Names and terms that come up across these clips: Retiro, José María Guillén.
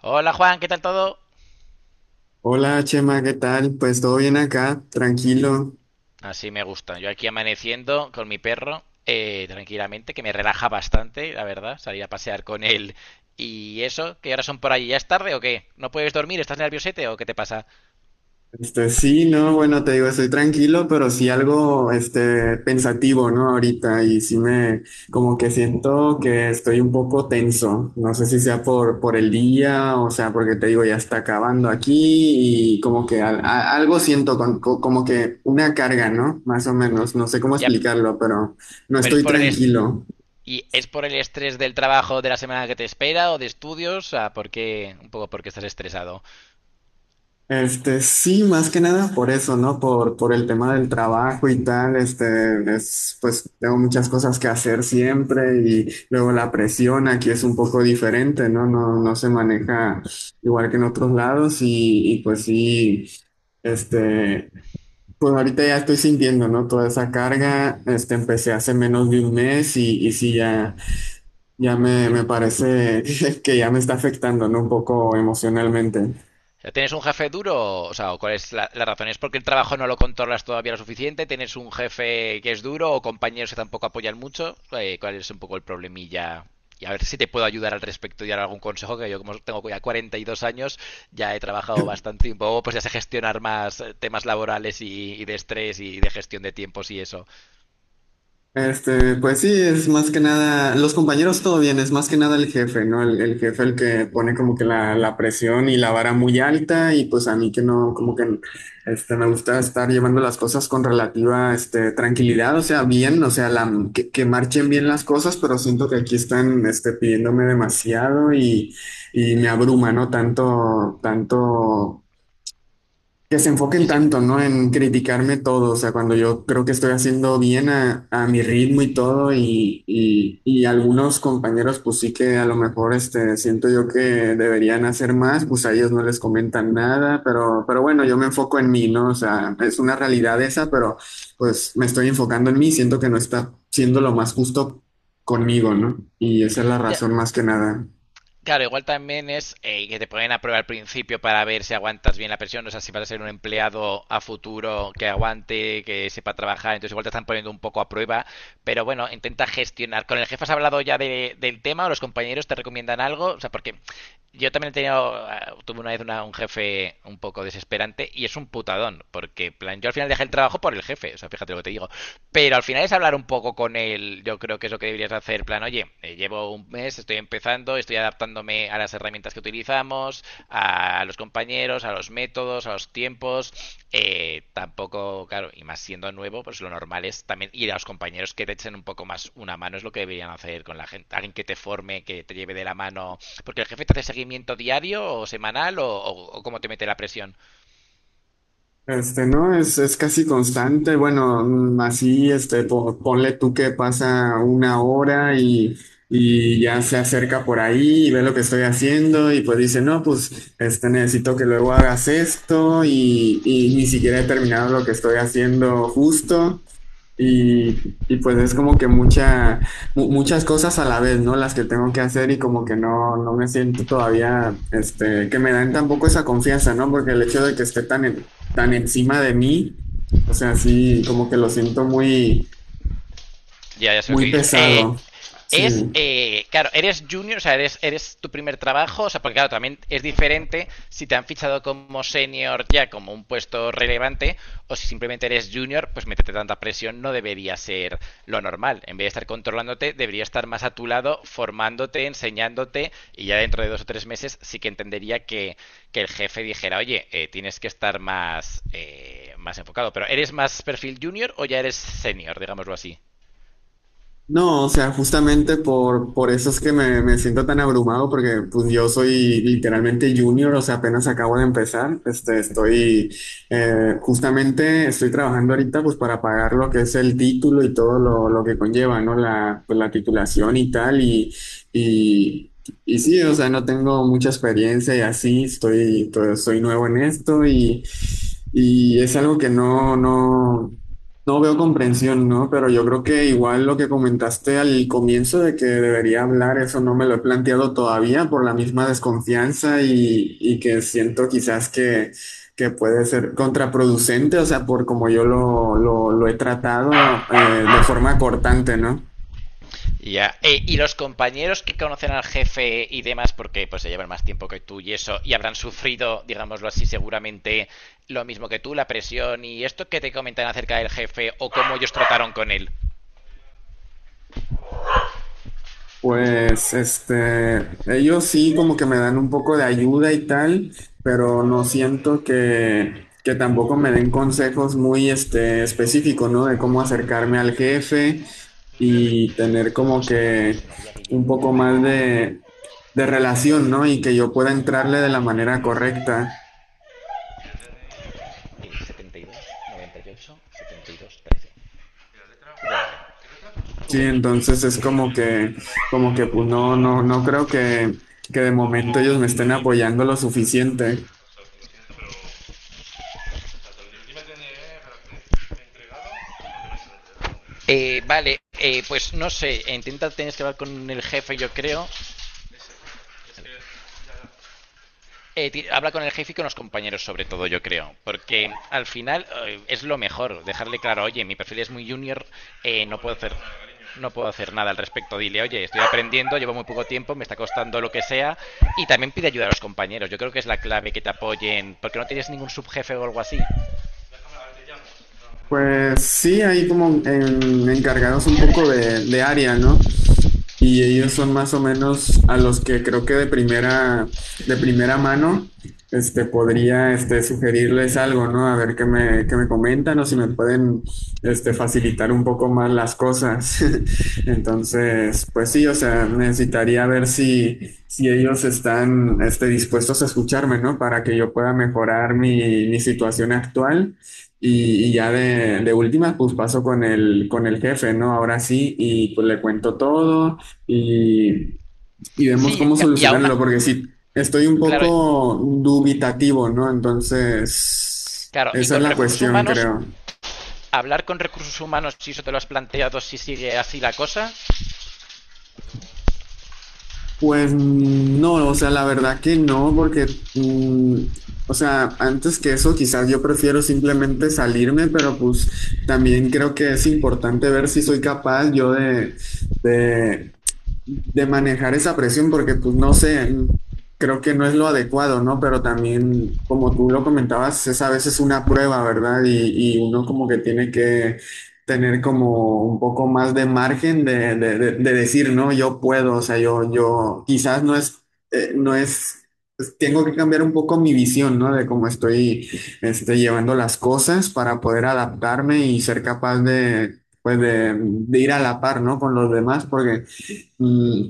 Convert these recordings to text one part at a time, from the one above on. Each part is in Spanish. Hola Juan, ¿qué tal todo? Hola Chema, ¿qué tal? Pues todo bien acá, tranquilo. Así me gusta. Yo aquí amaneciendo con mi perro, tranquilamente, que me relaja bastante, la verdad, salir a pasear con él. ¿Y eso? ¿Qué horas son por allí? ¿Ya es tarde o qué? ¿No puedes dormir? ¿Estás nerviosete o qué te pasa? Sí, no, bueno, te digo, estoy tranquilo, pero sí algo, pensativo, ¿no? Ahorita, como que siento que estoy un poco tenso. No sé si sea por el día, o sea, porque te digo, ya está acabando aquí, y como que algo siento, como que una carga, ¿no? Más o menos, no sé cómo Ya, explicarlo, pero no pero es estoy por el est- tranquilo. ¿Y es por el estrés del trabajo de la semana que te espera o de estudios? Ah, ¿por qué? Un poco porque estás estresado. Sí, más que nada por eso, ¿no? Por el tema del trabajo y tal, pues tengo muchas cosas que hacer siempre y luego la presión aquí es un poco diferente, ¿no? No se maneja igual que en otros lados y, pues sí, este, pues ahorita ya estoy sintiendo, ¿no? Toda esa carga. Empecé hace menos de un mes y sí, me parece que ya me está afectando, ¿no? Un poco emocionalmente. ¿Tienes un jefe duro? O sea, ¿o ¿cuál es la razón? ¿Es porque el trabajo no lo controlas todavía lo suficiente? ¿Tienes un jefe que es duro o compañeros que tampoco apoyan mucho? ¿Cuál es un poco el problemilla? Y a ver si te puedo ayudar al respecto y dar algún consejo, que yo como tengo ya 42 años, ya he trabajado bastante tiempo, pues ya sé gestionar más temas laborales y de estrés y de gestión de tiempos y eso. Pues sí, es más que nada, los compañeros todo bien, es más que nada el jefe, ¿no? El jefe el que pone como que la presión y la vara muy alta, y pues a mí que no, como que me gusta estar llevando las cosas con relativa tranquilidad, o sea, bien, o sea, que marchen bien las cosas, pero siento que aquí están pidiéndome demasiado y me abruma, ¿no? Tanto, tanto que se Sí, enfoquen sí. tanto, ¿no? En criticarme todo. O sea, cuando yo creo que estoy haciendo bien a mi ritmo y todo, y algunos compañeros, pues sí que a lo mejor, siento yo que deberían hacer más, pues a ellos no les comentan nada, pero bueno, yo me enfoco en mí, ¿no? O sea, es una realidad esa, pero pues me estoy enfocando en mí, siento que no está siendo lo más justo conmigo, ¿no? Y esa es la Ya, razón más que nada. claro, igual también es que te ponen a prueba al principio para ver si aguantas bien la presión, o sea, si vas a ser un empleado a futuro que aguante, que sepa trabajar, entonces igual te están poniendo un poco a prueba, pero bueno, intenta gestionar. ¿Con el jefe has hablado ya del tema o los compañeros te recomiendan algo? O sea, porque yo también he tenido, tuve una vez un jefe un poco desesperante y es un putadón, porque en plan, yo al final dejé el trabajo por el jefe, o sea, fíjate lo que te digo, pero al final es hablar un poco con él, yo creo que es lo que deberías hacer, plan, oye, llevo un mes, estoy empezando, estoy adaptándome a las herramientas que utilizamos, a los compañeros, a los métodos, a los tiempos, tampoco, claro, y más siendo nuevo, pues lo normal es también ir a los compañeros que te echen un poco más una mano, es lo que deberían hacer con la gente, alguien que te forme, que te lleve de la mano, porque el jefe te hace seguimiento diario o semanal o cómo te mete la presión. Este, ¿no? Es casi constante. Bueno, así, ponle tú que pasa una hora y ya se acerca por ahí y ve lo que estoy haciendo, y pues dice, no, pues, necesito que luego hagas esto, y ni siquiera he terminado lo que estoy haciendo justo. Y pues es como que muchas cosas a la vez, ¿no? Las que tengo que hacer. Y como que no, no me siento todavía, que me dan tampoco esa confianza, ¿no? Porque el hecho de que esté tan encima de mí, o sea, sí, como que lo siento muy, Ya, ya sé lo que muy dices. Pesado. Sí. Claro, eres junior, o sea, eres tu primer trabajo, o sea, porque claro, también es diferente si te han fichado como senior ya como un puesto relevante, o si simplemente eres junior, pues meterte tanta presión no debería ser lo normal. En vez de estar controlándote, debería estar más a tu lado, formándote, enseñándote, y ya dentro de dos o tres meses sí que entendería que el jefe dijera, oye, tienes que estar más, más enfocado. Pero, ¿eres más perfil junior o ya eres senior, digámoslo así? No, o sea, justamente por eso es que me siento tan abrumado, porque pues yo soy literalmente junior, o sea, apenas acabo de empezar. Justamente estoy trabajando ahorita pues para pagar lo que es el título y todo lo que conlleva, ¿no? La, pues, la titulación y tal, y, y sí, o sea, no tengo mucha experiencia y así, soy nuevo en esto, y es algo que no, no. No veo comprensión, ¿no? Pero yo creo que igual lo que comentaste al comienzo de que debería hablar, eso no me lo he planteado todavía por la misma desconfianza, y que siento quizás que puede ser contraproducente. O sea, por como yo lo he tratado, de forma cortante, ¿no? Ya. Y los compañeros que conocen al jefe y demás, porque pues se llevan más tiempo que tú y eso, y habrán sufrido, digámoslo así, seguramente lo mismo que tú, la presión y esto que te comentan acerca del jefe o cómo ellos trataron con él. Pues ellos sí como que me dan un poco de ayuda y tal, pero no siento que tampoco me den consejos muy específicos, ¿no? De cómo acercarme al jefe y tener como José, José que María Guillén. un poco más de relación, ¿no? Y que yo pueda entrarle de la manera Sí. correcta. 72, 98, 72, 13. ¿La Sí, letra? entonces es como que pues no, no, no creo que de momento ellos me estén apoyando lo suficiente. Vale, pues no sé, intenta tienes que hablar con el jefe, yo creo. Habla con el jefe y con los compañeros, sobre todo, yo creo. Porque al final es lo mejor, dejarle claro, oye, mi perfil es muy junior, no puedo hacer. No puedo hacer nada al respecto. Dile, oye, estoy aprendiendo, llevo muy poco tiempo, me está costando lo que sea. Y también pide ayuda a los compañeros. Yo creo que es la clave que te apoyen, porque no tienes ningún subjefe o algo así. Pues sí, hay como encargados un poco de área, ¿no? Y ellos son más o menos a los que creo que de primera mano, podría, sugerirles algo, ¿no? A ver qué me comentan o si me pueden, facilitar un poco más las cosas. Entonces, pues sí, o sea, necesitaría ver si, si ellos están, dispuestos a escucharme, ¿no? Para que yo pueda mejorar mi, mi situación actual. Y ya de última, pues paso con el jefe, ¿no? Ahora sí, y pues le cuento todo y, y vemos Sí, cómo y aún. solucionarlo, porque sí, estoy un Claro, poco dubitativo, ¿no? Entonces, claro. Y esa es con la recursos cuestión, humanos, creo. hablar con recursos humanos, si eso te lo has planteado, si sigue así la cosa. Pues no, o sea, la verdad que no, porque, o sea, antes que eso, quizás yo prefiero simplemente salirme, pero pues también creo que es importante ver si soy capaz yo de, de de manejar esa presión, porque pues no sé, creo que no es lo adecuado, ¿no? Pero también, como tú lo comentabas, es a veces una prueba, ¿verdad? Y uno como que tiene que tener como un poco más de margen de decir, no, yo puedo, o sea, yo quizás no es, no es, pues, tengo que cambiar un poco mi visión, ¿no? De cómo estoy, llevando las cosas para poder adaptarme y ser capaz de... Pues de ir a la par, ¿no? Con los demás, porque Mm,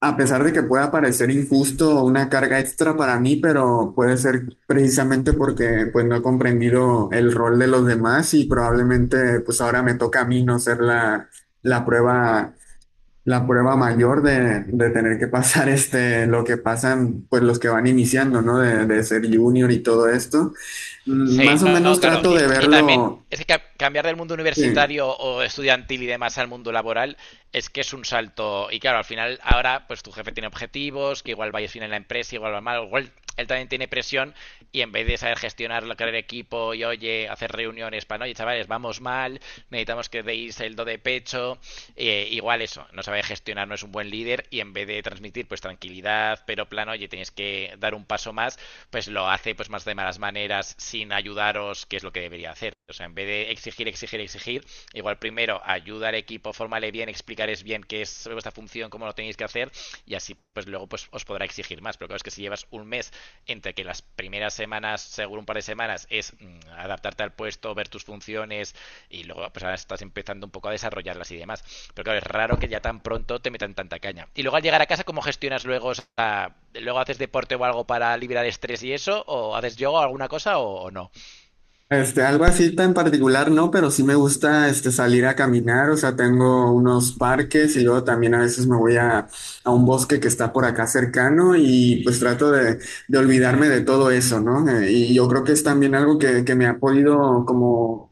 a pesar de que pueda parecer injusto o una carga extra para mí, pero puede ser precisamente porque pues no he comprendido el rol de los demás, y probablemente pues ahora me toca a mí no ser la prueba, la prueba mayor de tener que pasar lo que pasan pues los que van iniciando, ¿no? De ser junior y todo esto. Sí, Más o no, no, menos claro. trato de Y también verlo. es que cambiar del mundo Sí. universitario o estudiantil y demás al mundo laboral es que es un salto. Y claro, al final ahora pues tu jefe tiene objetivos, que igual vayas bien en la empresa, igual va mal, igual él también tiene presión y en vez de saber gestionar lo que era el equipo y oye, hacer reuniones para, no, oye, chavales, vamos mal, necesitamos que deis el do de pecho, igual eso, no sabe gestionar, no es un buen líder y en vez de transmitir pues tranquilidad, pero plano, oye, tenéis que dar un paso más, pues lo hace pues más de malas maneras, sin ayudaros, que es lo que debería hacer. O sea, en vez de exigir, exigir, exigir, igual primero ayuda al equipo, formale bien, explicaréis bien qué es vuestra función, cómo lo tenéis que hacer, y así pues luego pues os podrá exigir más. Pero claro, es que si llevas un mes entre que las primeras semanas, seguro un par de semanas, es adaptarte al puesto, ver tus funciones, y luego pues ahora estás empezando un poco a desarrollarlas y demás. Pero claro, es raro que ya tan pronto te metan tanta caña. Y luego al llegar a casa, ¿cómo gestionas luego? Luego haces deporte o algo para liberar estrés y eso, o haces yoga o alguna cosa o no. Algo así tan particular, no, pero sí me gusta salir a caminar, o sea, tengo unos parques y luego también a veces me voy a un bosque que está por acá cercano, y pues trato de olvidarme de todo eso, ¿no? Y yo creo que es también algo que me ha podido como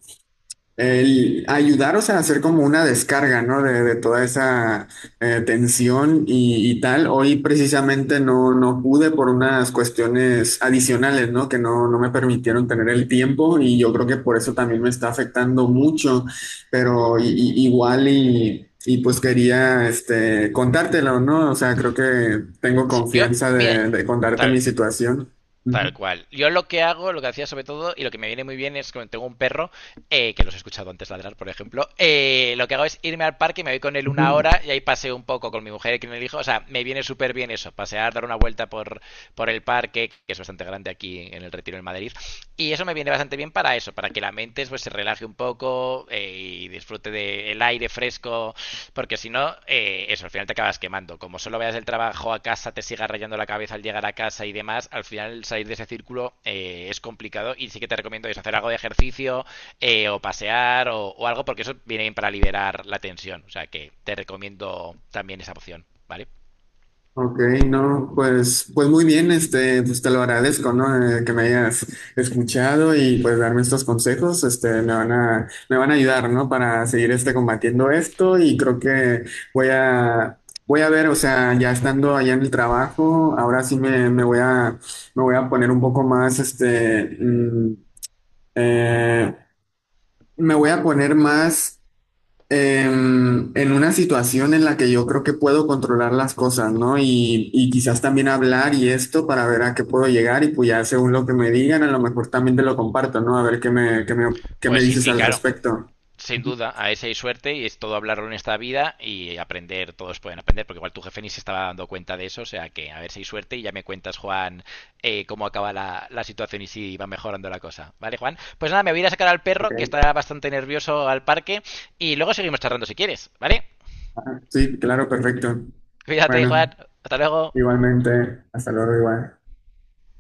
el ayudaros a hacer como una descarga, ¿no? De toda esa tensión y tal. Hoy precisamente no, no pude por unas cuestiones adicionales, ¿no? Que no, no me permitieron tener el tiempo, y yo creo que por eso también me está afectando mucho, pero igual y pues quería contártelo, ¿no? O sea, creo que tengo Yo, confianza mira, de contarte tal, mi situación. tal Ujú, cual. Yo lo que hago, lo que hacía sobre todo, y lo que me viene muy bien es que tengo un perro, que los he escuchado antes ladrar, por ejemplo, lo que hago es irme al parque, me voy con él una ujú. hora y ahí paseo un poco con mi mujer y con el hijo. O sea, me viene súper bien eso, pasear, dar una vuelta por el parque, que es bastante grande aquí en el Retiro en Madrid. Y eso me viene bastante bien para eso, para que la mente pues, se relaje un poco y disfrute del aire fresco. Porque si no, eso, al final te acabas quemando. Como solo vayas del trabajo a casa, te sigas rayando la cabeza al llegar a casa y demás, al final salir de ese círculo es complicado y sí que te recomiendo eso, hacer algo de ejercicio, o pasear o algo, porque eso viene bien para liberar la tensión. O sea que te recomiendo también esa opción, ¿vale? Ok, no, pues, pues muy bien, pues te lo agradezco, ¿no? Que me hayas escuchado y pues darme estos consejos. Me van a, me van a ayudar, ¿no? Para seguir combatiendo esto. Y creo que voy a, voy a ver, o sea, ya estando allá en el trabajo, ahora sí me, me voy a poner un poco más, eh, me voy a poner más en una situación en la que yo creo que puedo controlar las cosas, ¿no? Y quizás también hablar y esto para ver a qué puedo llegar, y pues ya según lo que me digan, a lo mejor también te lo comparto, ¿no? A ver qué me, qué me Pues sí, dices sí, al claro. respecto. Sin Ujú. duda, a ese hay suerte y es todo hablarlo en esta vida y aprender, todos pueden aprender, porque igual tu jefe ni se estaba dando cuenta de eso, o sea que a ver si hay suerte y ya me cuentas, Juan, cómo acaba la situación y si va mejorando la cosa. ¿Vale, Juan? Pues nada, me voy a ir a sacar al Ok. perro, que está bastante nervioso al parque, y luego seguimos charlando si quieres, ¿vale? Ah, sí, claro, perfecto. Cuídate, Bueno, Juan, hasta luego. igualmente, hasta luego, igual.